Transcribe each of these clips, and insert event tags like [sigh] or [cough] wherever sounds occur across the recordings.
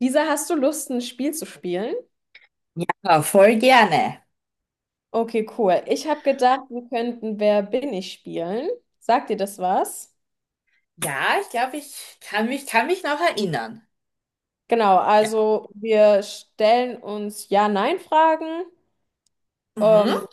Lisa, hast du Lust, ein Spiel zu spielen? Ja, voll gerne. Okay, cool. Ich habe gedacht, wir könnten Wer bin ich spielen. Sagt dir das was? Ja, ich glaube, ich kann mich noch erinnern. Genau, Ja. also wir stellen uns Ja-Nein-Fragen. Ähm, Mhm.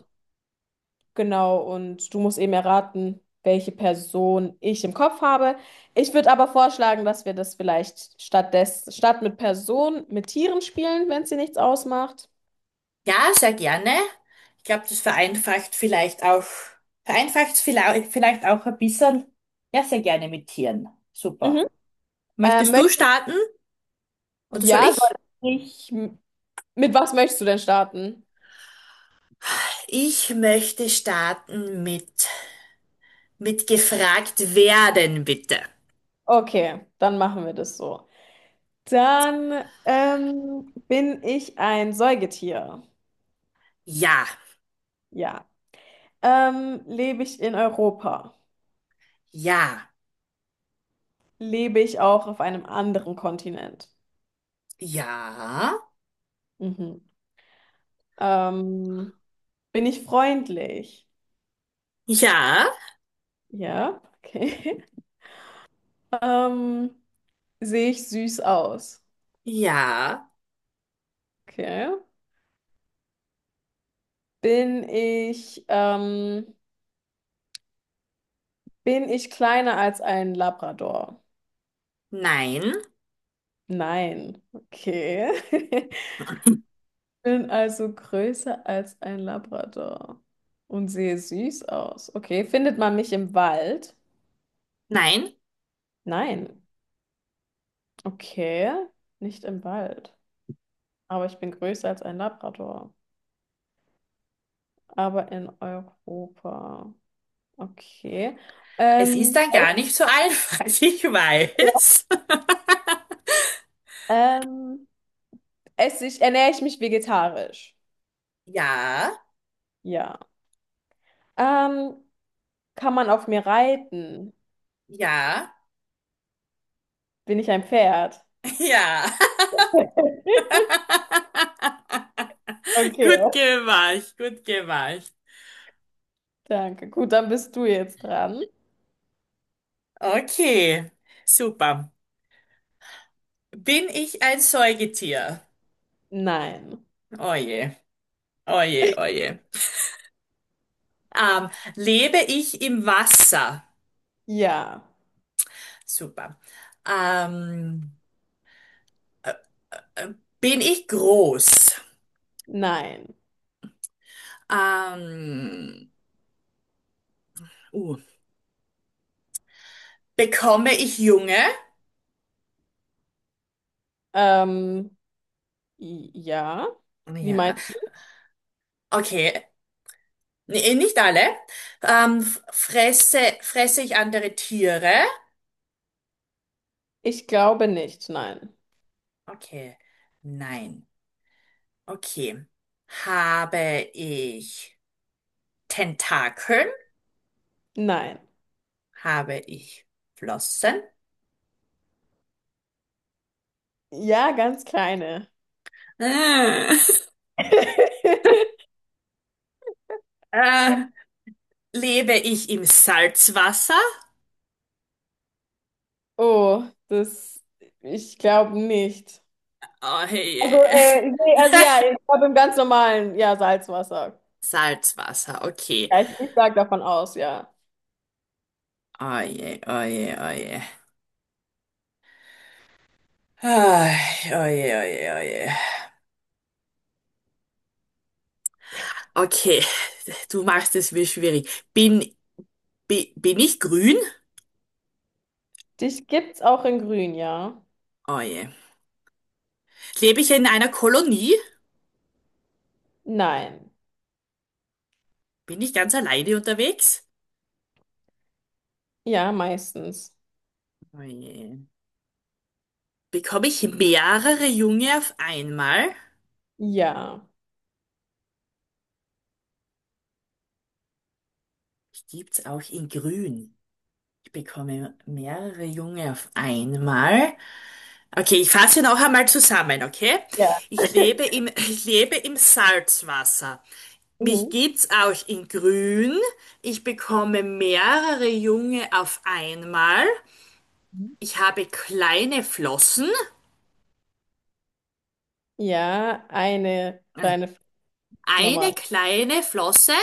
genau, und du musst eben erraten, welche Person ich im Kopf habe. Ich würde aber vorschlagen, dass wir das vielleicht statt mit Personen mit Tieren spielen, wenn es dir nichts ausmacht. Ja, sehr gerne. Ich glaube, das vereinfacht es vielleicht auch ein bisschen. Ja, sehr gerne mit Tieren. Super. Mhm. Ähm, Möchtest du möcht- starten oder soll ja, soll ich? ich, mit was möchtest du denn starten? Ich möchte starten mit gefragt werden, bitte. Okay, dann machen wir das so. Dann bin ich ein Säugetier. Ja, Ja. Lebe ich in Europa? ja, Lebe ich auch auf einem anderen Kontinent? ja, Mhm. Ähm, bin ich freundlich? ja, Ja, okay. [laughs] Ähm, sehe ich süß aus? ja, Okay. Bin ich, ähm, bin ich kleiner als ein Labrador? nein, Nein. Okay. [laughs] Bin also größer als ein Labrador und sehe süß aus. Okay, findet man mich im Wald? nein. Nein. Okay, nicht im Wald. Aber ich bin größer als ein Labrador. Aber in Europa. Okay. Es ist Ähm, dann es, gar nicht so einfach, [laughs] ich weiß. [laughs] ähm, ernähre ich mich vegetarisch? Ja, Ja. Ähm, kann man auf mir reiten? ja, Bin ich ein Pferd? [laughs] ja. [laughs] Okay, Gut gemacht, gut gemacht. danke. Gut, dann bist du jetzt dran. Okay, super. Bin ich ein Säugetier? Nein. Oje, oje, oje. Ähm, Lebe ich im Wasser? Ja. Super. Ähm, äh, äh, Bin ich groß? Nein. Ähm, uh, Bekomme ich Junge? Ähm, ja. Wie Ja, meinst du? okay. Nee, nicht alle. Fresse ich andere Tiere? Ich glaube nicht. Nein. Okay. Nein. Okay. Habe ich Tentakeln? Nein. Habe ich Flossen? Ja, ganz kleine. Äh, [laughs] [laughs] äh, lebe ich im Salzwasser? Oh, das, ich glaube nicht. Oh je. [laughs] Nee, also ja, ich glaube im ganz normalen, ja, Salzwasser. Salzwasser, okay. Ja, ich sage davon aus, ja. Oh je, oh je, oh je. Ah, oh je, oh je, oh je. Okay, du machst es mir schwierig. Bin, bin ich grün? Dich gibt's auch in Grün, ja? Oh je. Lebe ich in einer Kolonie? Nein. Bin ich ganz alleine unterwegs? Ja, meistens. Oh je. Bekomme ich mehrere Junge auf einmal? Ja. Ich gibt's auch in grün. Ich bekomme mehrere Junge auf einmal. Okay, ich fasse noch einmal zusammen, okay? Ja. [laughs] Ich lebe im Salzwasser. Mich Mhm. gibt's auch in grün. Ich bekomme mehrere Junge auf einmal. Ich habe kleine Flossen. Ja, eine Äh, kleine Eine Nummer. kleine Flosse.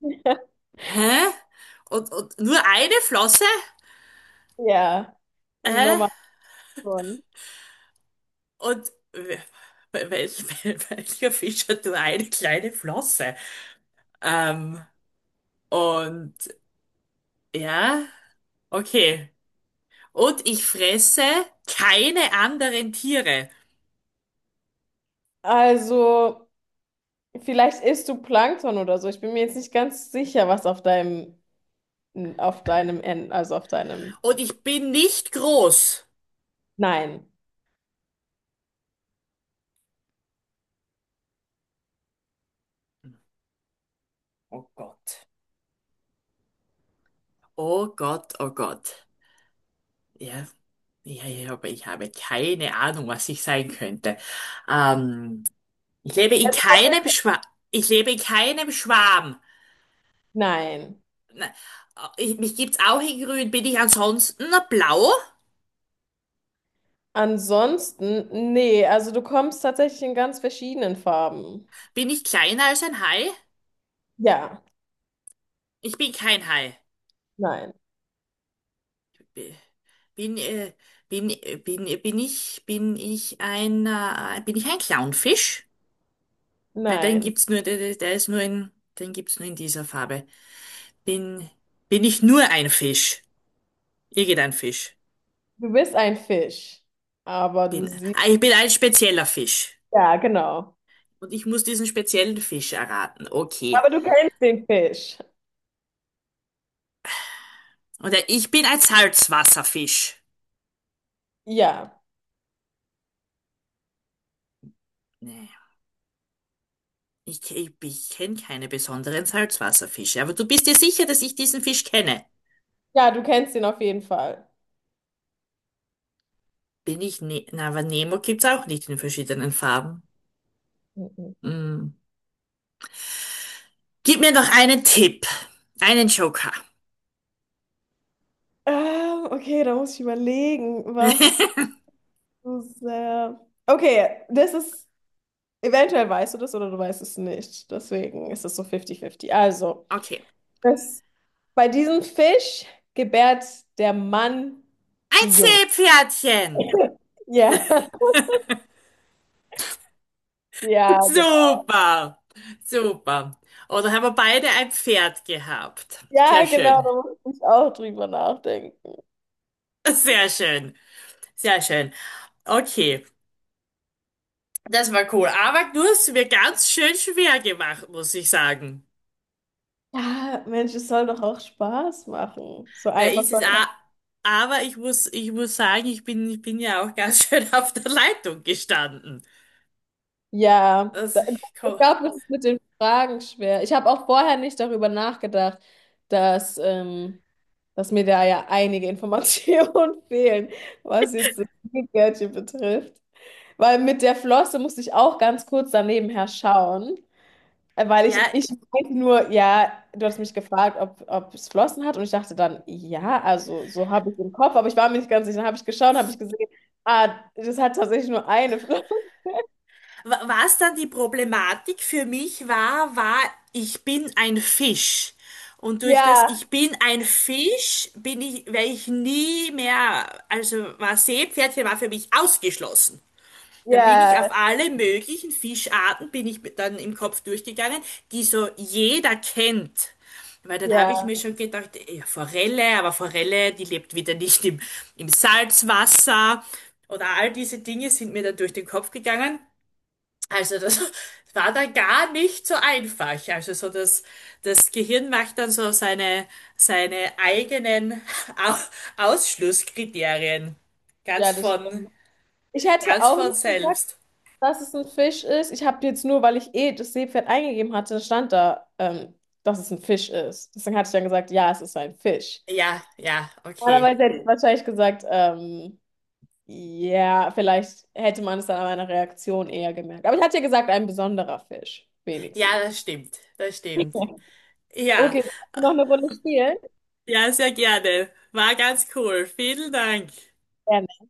[laughs] Hä? Und nur eine Flosse? Ja, im Äh, Normalen schon. und wel, welcher Fisch hat nur eine kleine Flosse? Ähm, und ja, okay. Und ich fresse keine anderen Tiere. Also, vielleicht isst du Plankton oder so. Ich bin mir jetzt nicht ganz sicher, was auf auf deinem End, also auf deinem. Und ich bin nicht groß. Nein, Oh Gott. Oh Gott, oh Gott. Ja. Ja, ja, aber ich habe keine Ahnung, was ich sein könnte. Ähm, ich lebe in keinem Schwa ich lebe in keinem Schwarm. nein. Na, äh, Ich, mich gibt's auch in Grün. Bin ich ansonsten blau? Ansonsten, nee, also du kommst tatsächlich in ganz verschiedenen Farben. Bin ich kleiner als ein Hai? Ja, Ich bin kein Hai. nein, B- Bin, bin, bin, bin ich ein Clownfisch? Nein, den nein. gibt's nur, der ist nur in, den gibt's nur in dieser Farbe. Bin, bin ich nur ein Fisch? Irgendein Fisch. Du bist ein Fisch, aber du siehst, Ich bin ein spezieller Fisch. ja, genau. Und ich muss diesen speziellen Fisch erraten. Okay. Aber du kennst den Fisch. Und ich bin ein Salzwasserfisch. Ja, Nee. Ich kenne keine besonderen Salzwasserfische. Aber du bist dir sicher, dass ich diesen Fisch kenne? ja, du kennst ihn auf jeden Fall. Bin ich ne Na, Aber Nemo gibt's auch nicht in verschiedenen Farben. Mhm. Hm. Gib mir noch einen Tipp. Einen Joker. Okay, da muss ich überlegen, was [laughs] so sehr. Okay, das ist. Eventuell weißt du das oder du weißt es nicht. Deswegen ist es so 50-50. Okay. das, bei diesem Fisch gebärt der Mann Ein die Jungen. Seepferdchen. Ja, [laughs] ja, genau. Super, super. Oh, dann haben wir beide ein Pferd gehabt. Ja, Sehr genau, schön, da muss ich auch drüber nachdenken. sehr schön, sehr schön. Okay, das war cool. Aber du hast es mir ganz schön schwer gemacht, muss ich sagen. Ja, Mensch, es soll doch auch Spaß machen. So Na, einfach ist soll es a- aber ich muss sagen, ich bin ja auch ganz [laughs] schön auf der Leitung gestanden. ja, Also, da, ich ich komm, glaube, das ist mit den Fragen schwer. Ich habe auch vorher nicht darüber nachgedacht, dass, ähm, dass mir da ja einige Informationen [laughs] fehlen, was jetzt das Gummibärchen betrifft. Weil mit der Flosse musste ich auch ganz kurz daneben her schauen, ja, ich weiß nur, ja, du hast mich gefragt, ob es Flossen hat und ich dachte dann, ja, also so habe ich im Kopf, aber ich war mir nicht ganz sicher. Dann habe ich geschaut, habe ich ich gesehen, ah, das hat tatsächlich nur eine Flosse. [laughs] Was dann die Problematik für mich war, war, ich bin ein Fisch. Und durch das Ja, Ich bin ein Fisch wär ich nie mehr, also war Seepferdchen war für mich ausgeschlossen. Dann bin ich auf ja. alle möglichen Fischarten, bin ich dann im Kopf durchgegangen, die so jeder kennt. Weil dann habe ich Ja, mir schon gedacht, ja, Forelle, aber Forelle, die lebt wieder nicht im, im Salzwasser. Oder all diese Dinge sind mir dann durch den Kopf gegangen. Also das [laughs] war dann gar nicht so einfach. Das Gehirn macht dann so seine eigenen [laughs] Au- Ausschlusskriterien. ja, Ganz das von, stimmt. Ich hätte ganz auch von nicht gesagt, selbst. dass es ein Fisch ist. Ich habe jetzt nur, weil ich eh das Seepferd eingegeben hatte, stand da, dass es ein Fisch ist. Deswegen hatte ich dann gesagt, ja, es ist ein Fisch. Ja, ja, okay. Normalerweise hätte ich wahrscheinlich gesagt, ja, vielleicht hätte man es dann an meiner Reaktion eher gemerkt. Aber ich hatte ja gesagt, ein besonderer Fisch, Ja, wenigstens. das stimmt. Das stimmt. Ja, Okay, noch eine Runde spielen? ja, sehr gerne. War ganz cool. Vielen Dank. Gerne.